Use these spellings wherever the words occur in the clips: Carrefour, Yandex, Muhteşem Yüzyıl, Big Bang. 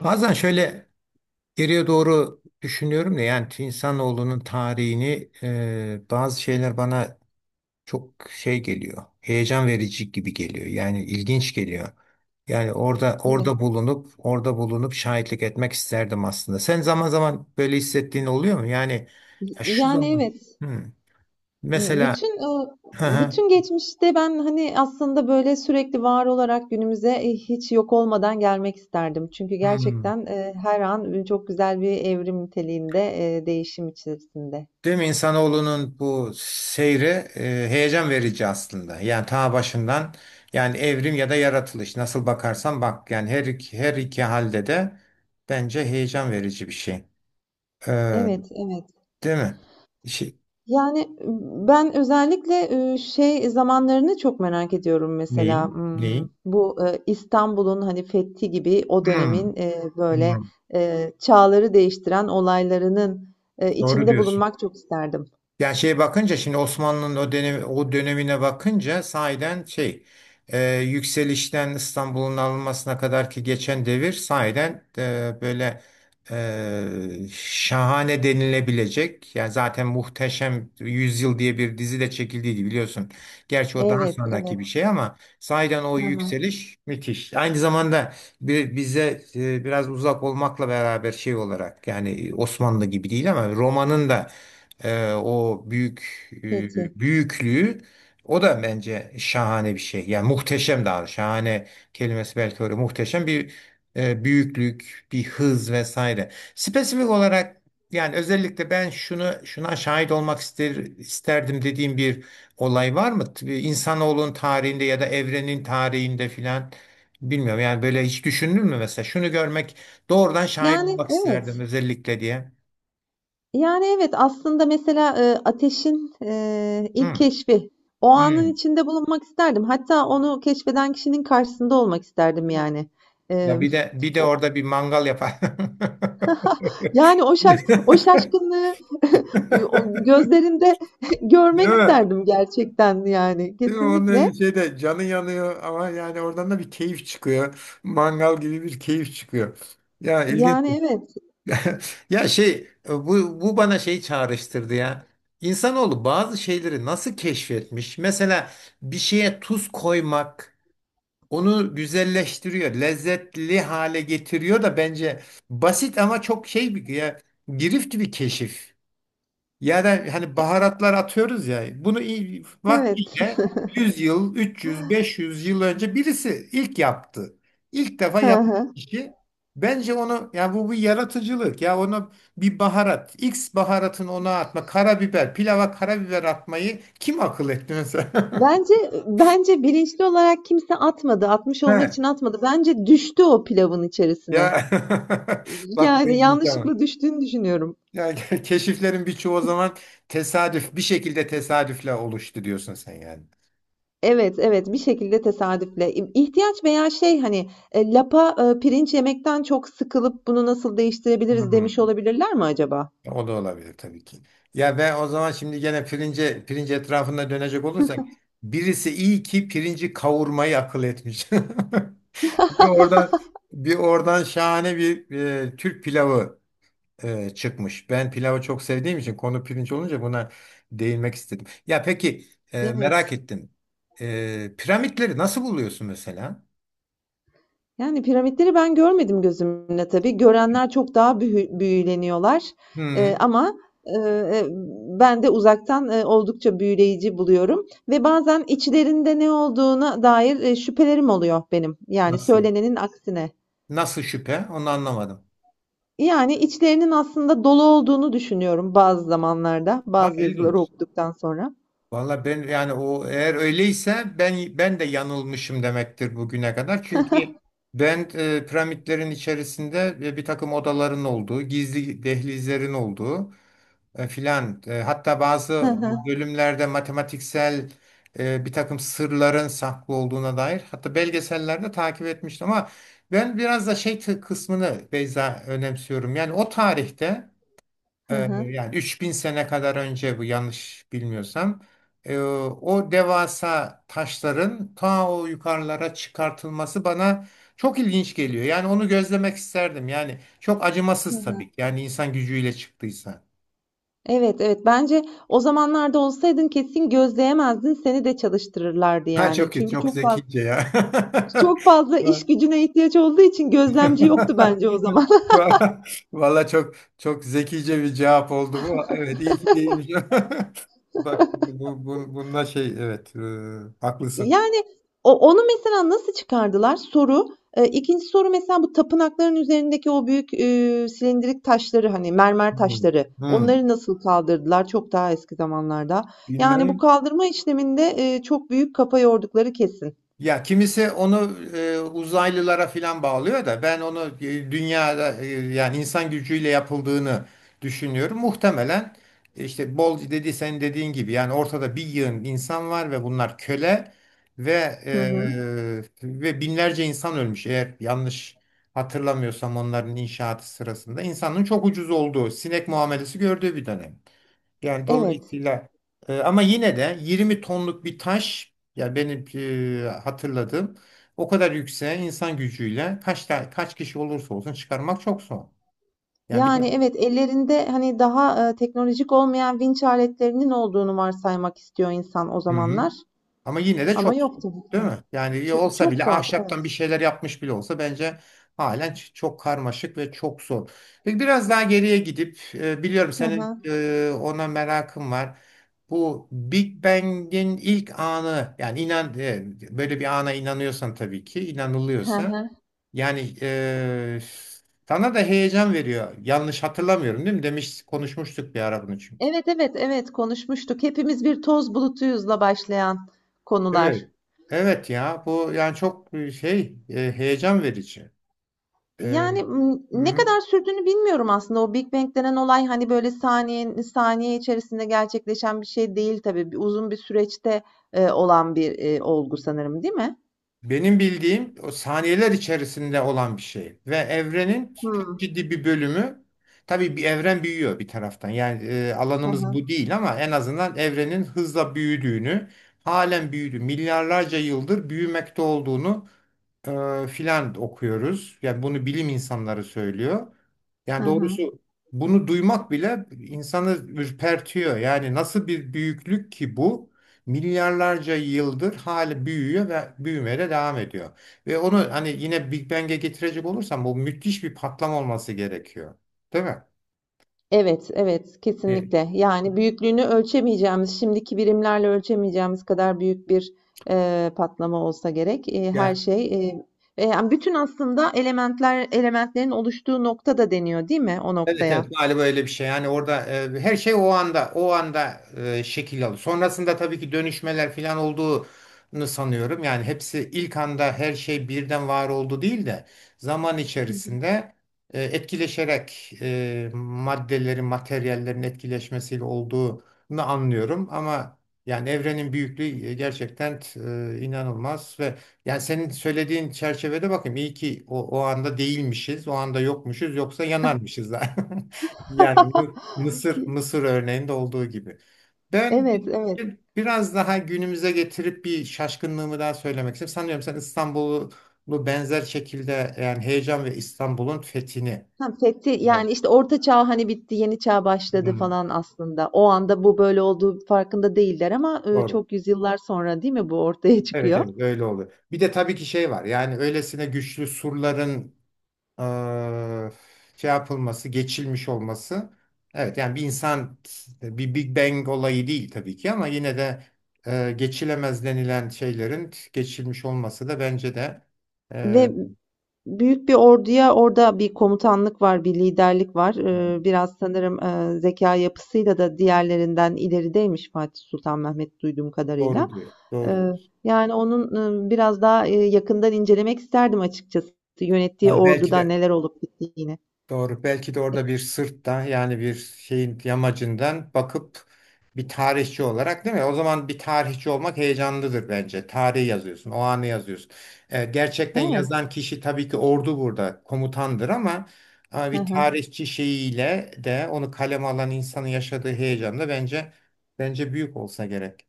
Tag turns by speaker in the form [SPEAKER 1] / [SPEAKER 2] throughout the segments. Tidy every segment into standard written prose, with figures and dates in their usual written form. [SPEAKER 1] Bazen şöyle geriye doğru düşünüyorum da yani insanoğlunun tarihini bazı şeyler bana çok şey geliyor. Heyecan verici gibi geliyor. Yani ilginç geliyor. Yani orada orada
[SPEAKER 2] Evet.
[SPEAKER 1] bulunup orada bulunup şahitlik etmek isterdim aslında. Sen zaman zaman böyle hissettiğin oluyor mu? Yani ya şu
[SPEAKER 2] Yani
[SPEAKER 1] zaman.
[SPEAKER 2] evet.
[SPEAKER 1] Hmm. Mesela
[SPEAKER 2] Bütün, ııı,
[SPEAKER 1] hı hı.
[SPEAKER 2] bütün geçmişte ben, hani, aslında, böyle, sürekli var olarak günümüze, hiç yok olmadan gelmek isterdim. Çünkü
[SPEAKER 1] Hmm.
[SPEAKER 2] gerçekten, her an, çok güzel bir evrim niteliğinde, değişim içerisinde.
[SPEAKER 1] Değil mi? İnsanoğlunun bu seyri e, heyecan verici aslında. Yani ta başından yani evrim ya da yaratılış nasıl bakarsan bak yani her iki halde de bence heyecan verici bir şey. Ee,
[SPEAKER 2] Evet, evet.
[SPEAKER 1] değil mi? Şey,
[SPEAKER 2] Yani, ben özellikle, şey zamanlarını çok merak ediyorum mesela,
[SPEAKER 1] neyi? Neyi?
[SPEAKER 2] bu, İstanbul'un, hani, fethi gibi o
[SPEAKER 1] Hmm,
[SPEAKER 2] dönemin, böyle,
[SPEAKER 1] hmm.
[SPEAKER 2] çağları değiştiren olaylarının,
[SPEAKER 1] Doğru
[SPEAKER 2] içinde
[SPEAKER 1] diyorsun.
[SPEAKER 2] bulunmak çok isterdim.
[SPEAKER 1] Yani şeye bakınca şimdi Osmanlı'nın o dönemi, o dönemine bakınca sahiden şey yükselişten İstanbul'un alınmasına kadar ki geçen devir sahiden böyle şahane denilebilecek. Yani zaten Muhteşem Yüzyıl diye bir dizi de çekildiydi biliyorsun. Gerçi o daha
[SPEAKER 2] Evet,
[SPEAKER 1] sonraki
[SPEAKER 2] evet.
[SPEAKER 1] bir şey ama sahiden o
[SPEAKER 2] Hı.
[SPEAKER 1] yükseliş müthiş. Aynı zamanda bir, bize biraz uzak olmakla beraber şey olarak yani Osmanlı gibi değil ama Roma'nın da o büyük
[SPEAKER 2] Peki.
[SPEAKER 1] büyüklüğü o da bence şahane bir şey. Yani muhteşem daha şahane kelimesi belki öyle muhteşem bir büyüklük, bir hız vesaire. Spesifik olarak yani özellikle ben şunu şuna şahit olmak isterdim dediğim bir olay var mı? İnsanoğlunun tarihinde ya da evrenin tarihinde filan bilmiyorum. Yani böyle hiç düşündün mü mesela? Şunu görmek doğrudan şahit
[SPEAKER 2] Yani
[SPEAKER 1] olmak isterdim
[SPEAKER 2] evet.
[SPEAKER 1] özellikle diye.
[SPEAKER 2] Yani evet aslında mesela ateşin ilk
[SPEAKER 1] Hı.
[SPEAKER 2] keşfi. O anın içinde bulunmak isterdim. Hatta onu keşfeden kişinin karşısında olmak
[SPEAKER 1] Hı.
[SPEAKER 2] isterdim yani. E,
[SPEAKER 1] Ya bir de bir de
[SPEAKER 2] o-
[SPEAKER 1] orada bir mangal yapar.
[SPEAKER 2] yani o şaşkınlığı o gözlerinde
[SPEAKER 1] Değil
[SPEAKER 2] görmek
[SPEAKER 1] mi?
[SPEAKER 2] isterdim gerçekten yani
[SPEAKER 1] Değil mi? Onun
[SPEAKER 2] kesinlikle.
[SPEAKER 1] şeyde canı yanıyor ama yani oradan da bir keyif çıkıyor. Mangal gibi bir keyif çıkıyor. Ya ilginç.
[SPEAKER 2] Yani evet,
[SPEAKER 1] Ya şey bu bana şey çağrıştırdı ya. İnsanoğlu bazı şeyleri nasıl keşfetmiş? Mesela bir şeye tuz koymak onu güzelleştiriyor, lezzetli hale getiriyor da bence basit ama çok şey bir ya girift bir keşif. Yani hani baharatlar atıyoruz ya bunu
[SPEAKER 2] evet.
[SPEAKER 1] vaktiyle 100 yıl, 300, 500 yıl önce birisi ilk yaptı. İlk defa
[SPEAKER 2] Hı
[SPEAKER 1] yapan
[SPEAKER 2] hı.
[SPEAKER 1] kişi bence onu yani bu bir yaratıcılık ya ona bir baharat X baharatını ona atma karabiber pilava karabiber atmayı kim akıl etti mesela?
[SPEAKER 2] Bence bence bilinçli olarak kimse atmadı. Atmış
[SPEAKER 1] He,
[SPEAKER 2] olmak için atmadı. Bence düştü o pilavın
[SPEAKER 1] ya
[SPEAKER 2] içerisine.
[SPEAKER 1] bak bu
[SPEAKER 2] Yani
[SPEAKER 1] ilginç ama.
[SPEAKER 2] yanlışlıkla düştüğünü düşünüyorum.
[SPEAKER 1] Yani keşiflerin birçoğu o zaman tesadüf bir şekilde tesadüfle oluştu diyorsun sen yani.
[SPEAKER 2] Evet, evet bir şekilde tesadüfle. İhtiyaç veya şey hani lapa pirinç yemekten çok sıkılıp bunu nasıl değiştirebiliriz demiş
[SPEAKER 1] Hmm.
[SPEAKER 2] olabilirler mi acaba?
[SPEAKER 1] O da olabilir tabii ki. Ya ve o zaman şimdi gene pirinç etrafında dönecek olursak birisi iyi ki pirinci kavurmayı akıl etmiş. Bir oradan bir oradan şahane bir Türk pilavı çıkmış. Ben pilavı çok sevdiğim için konu pirinç olunca buna değinmek istedim. Ya peki merak
[SPEAKER 2] Evet.
[SPEAKER 1] ettim. Piramitleri nasıl buluyorsun mesela?
[SPEAKER 2] Yani piramitleri ben görmedim gözümle tabii. Görenler çok daha büyüleniyorlar.
[SPEAKER 1] Hmm,
[SPEAKER 2] Ama e, e, ben de uzaktan oldukça büyüleyici buluyorum. Ve bazen içlerinde ne olduğuna dair şüphelerim oluyor benim. Yani
[SPEAKER 1] nasıl?
[SPEAKER 2] söylenenin aksine.
[SPEAKER 1] Nasıl şüphe? Onu anlamadım.
[SPEAKER 2] Yani içlerinin aslında dolu olduğunu düşünüyorum bazı zamanlarda,
[SPEAKER 1] Ha,
[SPEAKER 2] bazı yazıları
[SPEAKER 1] ilginç.
[SPEAKER 2] okuduktan sonra.
[SPEAKER 1] Valla ben yani o eğer öyleyse ben de yanılmışım demektir bugüne kadar. Çünkü ben piramitlerin içerisinde bir takım odaların olduğu, gizli dehlizlerin olduğu filan hatta
[SPEAKER 2] Hı
[SPEAKER 1] bazı
[SPEAKER 2] hı.
[SPEAKER 1] bölümlerde matematiksel bir takım sırların saklı olduğuna dair hatta belgesellerde takip etmiştim ama ben biraz da şey kısmını Beyza önemsiyorum. Yani o tarihte ee,
[SPEAKER 2] Hı hı.
[SPEAKER 1] yani 3.000 sene kadar önce bu yanlış bilmiyorsam. O devasa taşların ta o yukarılara çıkartılması bana çok ilginç geliyor. Yani onu gözlemek isterdim. Yani çok
[SPEAKER 2] Hı
[SPEAKER 1] acımasız
[SPEAKER 2] hı.
[SPEAKER 1] tabii ki. Yani insan gücüyle çıktıysa.
[SPEAKER 2] Evet, evet. Bence o zamanlarda olsaydın kesin gözleyemezdin. Seni de çalıştırırlardı
[SPEAKER 1] Ha
[SPEAKER 2] yani.
[SPEAKER 1] çok kötü,
[SPEAKER 2] Çünkü
[SPEAKER 1] çok
[SPEAKER 2] çok fazla
[SPEAKER 1] zekice ya.
[SPEAKER 2] çok fazla iş gücüne ihtiyaç olduğu için gözlemci yoktu bence o zaman.
[SPEAKER 1] Valla çok çok zekice bir cevap oldu bu. Evet iyi ki değilmiş. Bak bu, bununla şey evet haklısın.
[SPEAKER 2] Yani, onu mesela nasıl çıkardılar? Soru. 2'nci soru mesela bu tapınakların üzerindeki o büyük, silindirik taşları, hani, mermer
[SPEAKER 1] Hmm,
[SPEAKER 2] taşları,
[SPEAKER 1] hmm,
[SPEAKER 2] onları nasıl kaldırdılar çok daha eski zamanlarda? Yani, bu
[SPEAKER 1] bilmem.
[SPEAKER 2] kaldırma işleminde, çok büyük kafa yordukları kesin.
[SPEAKER 1] Ya kimisi onu uzaylılara filan bağlıyor da ben onu dünyada yani insan gücüyle yapıldığını düşünüyorum. Muhtemelen işte bol dedi sen dediğin gibi yani ortada bir yığın insan var ve bunlar köle ve
[SPEAKER 2] Hı hı.
[SPEAKER 1] ve binlerce insan ölmüş. Eğer yanlış hatırlamıyorsam onların inşaatı sırasında insanın çok ucuz olduğu sinek muamelesi gördüğü bir dönem. Yani
[SPEAKER 2] Evet.
[SPEAKER 1] dolayısıyla ama yine de 20 tonluk bir taş ya benim hatırladığım o kadar yükseğe insan gücüyle kaç kişi olursa olsun çıkarmak çok zor. Yani bir.
[SPEAKER 2] Yani, evet, ellerinde, hani, daha, teknolojik olmayan vinç aletlerinin olduğunu varsaymak istiyor insan o
[SPEAKER 1] Hı hı.
[SPEAKER 2] zamanlar
[SPEAKER 1] Ama yine de
[SPEAKER 2] ama
[SPEAKER 1] çok
[SPEAKER 2] yok
[SPEAKER 1] soğuk,
[SPEAKER 2] tabii ki.
[SPEAKER 1] değil mi? Yani iyi
[SPEAKER 2] Ço
[SPEAKER 1] olsa
[SPEAKER 2] çok
[SPEAKER 1] bile
[SPEAKER 2] zor, evet.
[SPEAKER 1] ahşaptan bir şeyler yapmış bile olsa bence halen çok karmaşık ve çok zor. Peki biraz daha geriye gidip biliyorum
[SPEAKER 2] Hı
[SPEAKER 1] senin
[SPEAKER 2] hı.
[SPEAKER 1] ona merakın var. Bu Big Bang'in ilk anı yani inan böyle bir ana inanıyorsan tabii ki
[SPEAKER 2] Hı
[SPEAKER 1] inanılıyorsa
[SPEAKER 2] hı.
[SPEAKER 1] yani sana da heyecan veriyor. Yanlış hatırlamıyorum değil mi? Demiş konuşmuştuk bir ara bunu çünkü.
[SPEAKER 2] Evet, evet, evet konuşmuştuk. Hepimiz bir toz bulutuyuzla başlayan konular.
[SPEAKER 1] Evet. Evet ya bu yani çok şey heyecan verici. E,
[SPEAKER 2] Yani,
[SPEAKER 1] hı
[SPEAKER 2] ne
[SPEAKER 1] hı.
[SPEAKER 2] kadar sürdüğünü bilmiyorum aslında. O Big Bang denen olay hani böyle saniye saniye içerisinde gerçekleşen bir şey değil tabii. Uzun bir süreçte olan bir olgu sanırım, değil mi?
[SPEAKER 1] Benim bildiğim o saniyeler içerisinde olan bir şey ve evrenin çok
[SPEAKER 2] Hmm.
[SPEAKER 1] ciddi bir bölümü tabii bir evren büyüyor bir taraftan. Yani
[SPEAKER 2] Hı
[SPEAKER 1] alanımız
[SPEAKER 2] hı.
[SPEAKER 1] bu değil ama en azından evrenin hızla büyüdüğünü, halen büyüdü, milyarlarca yıldır büyümekte olduğunu filan okuyoruz. Yani bunu bilim insanları söylüyor.
[SPEAKER 2] Hı
[SPEAKER 1] Yani
[SPEAKER 2] hı.
[SPEAKER 1] doğrusu bunu duymak bile insanı ürpertiyor. Yani nasıl bir büyüklük ki bu? Milyarlarca yıldır hali büyüyor ve büyümeye de devam ediyor. Ve onu hani yine Big Bang'e getirecek olursam bu müthiş bir patlama olması gerekiyor. Değil mi?
[SPEAKER 2] Evet, evet,
[SPEAKER 1] Bir-
[SPEAKER 2] kesinlikle. Yani büyüklüğünü ölçemeyeceğimiz, şimdiki birimlerle ölçemeyeceğimiz kadar büyük bir patlama olsa gerek. Her şey, yani bütün aslında elementler, elementlerin oluştuğu nokta da deniyor, değil mi? O
[SPEAKER 1] Evet
[SPEAKER 2] noktaya.
[SPEAKER 1] evet galiba öyle bir şey. Yani orada her şey o anda şekil alıyor. Sonrasında tabii ki dönüşmeler falan olduğunu sanıyorum. Yani hepsi ilk anda her şey birden var oldu değil de zaman içerisinde etkileşerek maddelerin, materyallerin etkileşmesiyle olduğunu anlıyorum. Ama yani evrenin büyüklüğü gerçekten inanılmaz ve yani senin söylediğin çerçevede bakayım iyi ki o anda değilmişiz, o anda yokmuşuz yoksa yanarmışız da. Yani bu Mısır Mısır örneğinde olduğu gibi. Ben
[SPEAKER 2] Evet, evet.
[SPEAKER 1] biraz daha günümüze getirip bir şaşkınlığımı daha söylemek istiyorum. Sanıyorum sen İstanbul'u bu benzer şekilde yani heyecan ve İstanbul'un fethini.
[SPEAKER 2] Ha, fethi,
[SPEAKER 1] Evet.
[SPEAKER 2] yani işte orta çağ hani bitti, yeni çağ başladı
[SPEAKER 1] Hmm,
[SPEAKER 2] falan aslında. O anda bu böyle olduğu farkında değiller ama
[SPEAKER 1] doğru.
[SPEAKER 2] çok yüzyıllar sonra değil mi bu ortaya
[SPEAKER 1] Evet
[SPEAKER 2] çıkıyor?
[SPEAKER 1] evet öyle oluyor. Bir de tabii ki şey var yani öylesine güçlü surların eee, şey yapılması, geçilmiş olması. Evet yani bir insan bir Big Bang olayı değil tabii ki ama yine de geçilemez denilen şeylerin geçilmiş olması da bence de
[SPEAKER 2] Ve
[SPEAKER 1] eee,
[SPEAKER 2] büyük bir orduya orada bir komutanlık var, bir liderlik var. Biraz sanırım zekâ yapısıyla da diğerlerinden ilerideymiş Fatih Sultan Mehmet duyduğum
[SPEAKER 1] doğru
[SPEAKER 2] kadarıyla.
[SPEAKER 1] diyor. Doğru diyor.
[SPEAKER 2] Yani onun biraz daha yakından incelemek isterdim açıkçası yönettiği
[SPEAKER 1] Var belki
[SPEAKER 2] orduda
[SPEAKER 1] de.
[SPEAKER 2] neler olup bittiğini.
[SPEAKER 1] Doğru. Belki de
[SPEAKER 2] E,
[SPEAKER 1] orada bir sırttan yani bir şeyin yamacından bakıp bir tarihçi olarak değil mi? O zaman bir tarihçi olmak heyecanlıdır bence. Tarihi yazıyorsun, o anı yazıyorsun. Gerçekten
[SPEAKER 2] Evet.
[SPEAKER 1] yazan kişi tabii ki ordu burada komutandır ama, ama
[SPEAKER 2] Hı
[SPEAKER 1] bir
[SPEAKER 2] hı.
[SPEAKER 1] tarihçi şeyiyle de onu kaleme alan insanın yaşadığı heyecan da bence büyük olsa gerek.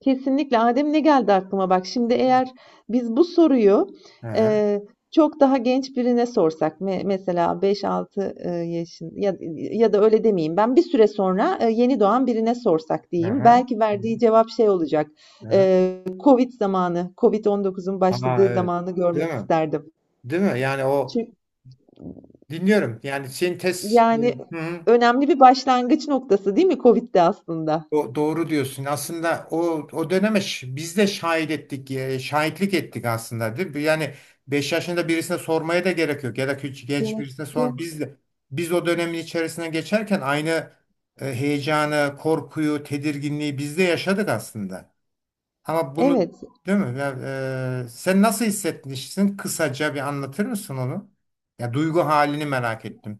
[SPEAKER 2] Kesinlikle. Adem ne geldi aklıma bak. Şimdi eğer biz bu soruyu,
[SPEAKER 1] Aha,
[SPEAKER 2] eee, çok daha genç birine sorsak mesela beş altı yaşın ya ya da öyle demeyeyim ben, bir süre sonra, yeni doğan birine sorsak diyeyim,
[SPEAKER 1] aha,
[SPEAKER 2] belki verdiği cevap şey olacak,
[SPEAKER 1] aha.
[SPEAKER 2] COVID zamanı, COVID-19'un
[SPEAKER 1] Aa,
[SPEAKER 2] başladığı
[SPEAKER 1] evet.
[SPEAKER 2] zamanı
[SPEAKER 1] Değil
[SPEAKER 2] görmek
[SPEAKER 1] mi?
[SPEAKER 2] isterdim.
[SPEAKER 1] Değil mi? Yani o
[SPEAKER 2] Çünkü
[SPEAKER 1] dinliyorum. Yani sintez.
[SPEAKER 2] yani
[SPEAKER 1] Hı hı.
[SPEAKER 2] önemli bir başlangıç noktası değil mi COVID de aslında?
[SPEAKER 1] O doğru diyorsun. Aslında o döneme biz de şahit ettik, şahitlik ettik aslında değil mi? Yani 5 yaşında birisine sormaya da gerek yok ya da küçük genç
[SPEAKER 2] Gerek
[SPEAKER 1] birisine sor.
[SPEAKER 2] yok.
[SPEAKER 1] Biz o dönemin içerisine geçerken aynı heyecanı, korkuyu, tedirginliği biz de yaşadık aslında. Ama bunu
[SPEAKER 2] Evet.
[SPEAKER 1] değil mi? Ya, sen nasıl hissetmişsin? Kısaca bir anlatır mısın onu? Ya duygu halini merak ettim.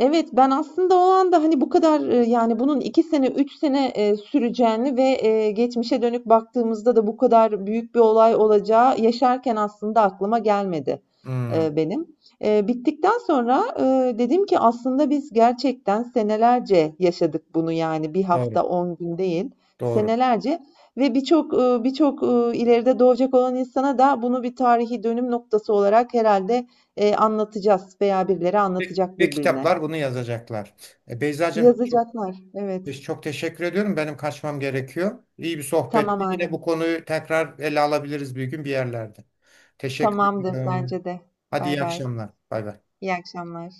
[SPEAKER 2] Evet, ben aslında o anda, hani, bu kadar, yani, bunun 2 sene, 3 sene, süreceğini ve, geçmişe dönük baktığımızda da bu kadar büyük bir olay olacağı yaşarken aslında aklıma gelmedi,
[SPEAKER 1] Hmm,
[SPEAKER 2] benim. Bittikten sonra, dedim ki aslında biz gerçekten senelerce yaşadık bunu, yani, bir hafta,
[SPEAKER 1] doğru,
[SPEAKER 2] 10 gün değil,
[SPEAKER 1] doğru.
[SPEAKER 2] senelerce ve birçok, ileride doğacak olan insana da bunu bir tarihi dönüm noktası olarak herhalde anlatacağız veya birileri
[SPEAKER 1] Ve,
[SPEAKER 2] anlatacak
[SPEAKER 1] ve
[SPEAKER 2] birbirine.
[SPEAKER 1] kitaplar bunu yazacaklar. Beyzacığım çok,
[SPEAKER 2] Yazacaklar. Evet.
[SPEAKER 1] çok teşekkür ediyorum. Benim kaçmam gerekiyor. İyi bir
[SPEAKER 2] Tamam
[SPEAKER 1] sohbetti. Yine
[SPEAKER 2] Adem.
[SPEAKER 1] bu konuyu tekrar ele alabiliriz bir gün bir yerlerde. Teşekkür
[SPEAKER 2] Tamamdır
[SPEAKER 1] ederim.
[SPEAKER 2] bence de.
[SPEAKER 1] Hadi
[SPEAKER 2] Bay
[SPEAKER 1] iyi
[SPEAKER 2] bay.
[SPEAKER 1] akşamlar. Bay bay.
[SPEAKER 2] İyi akşamlar.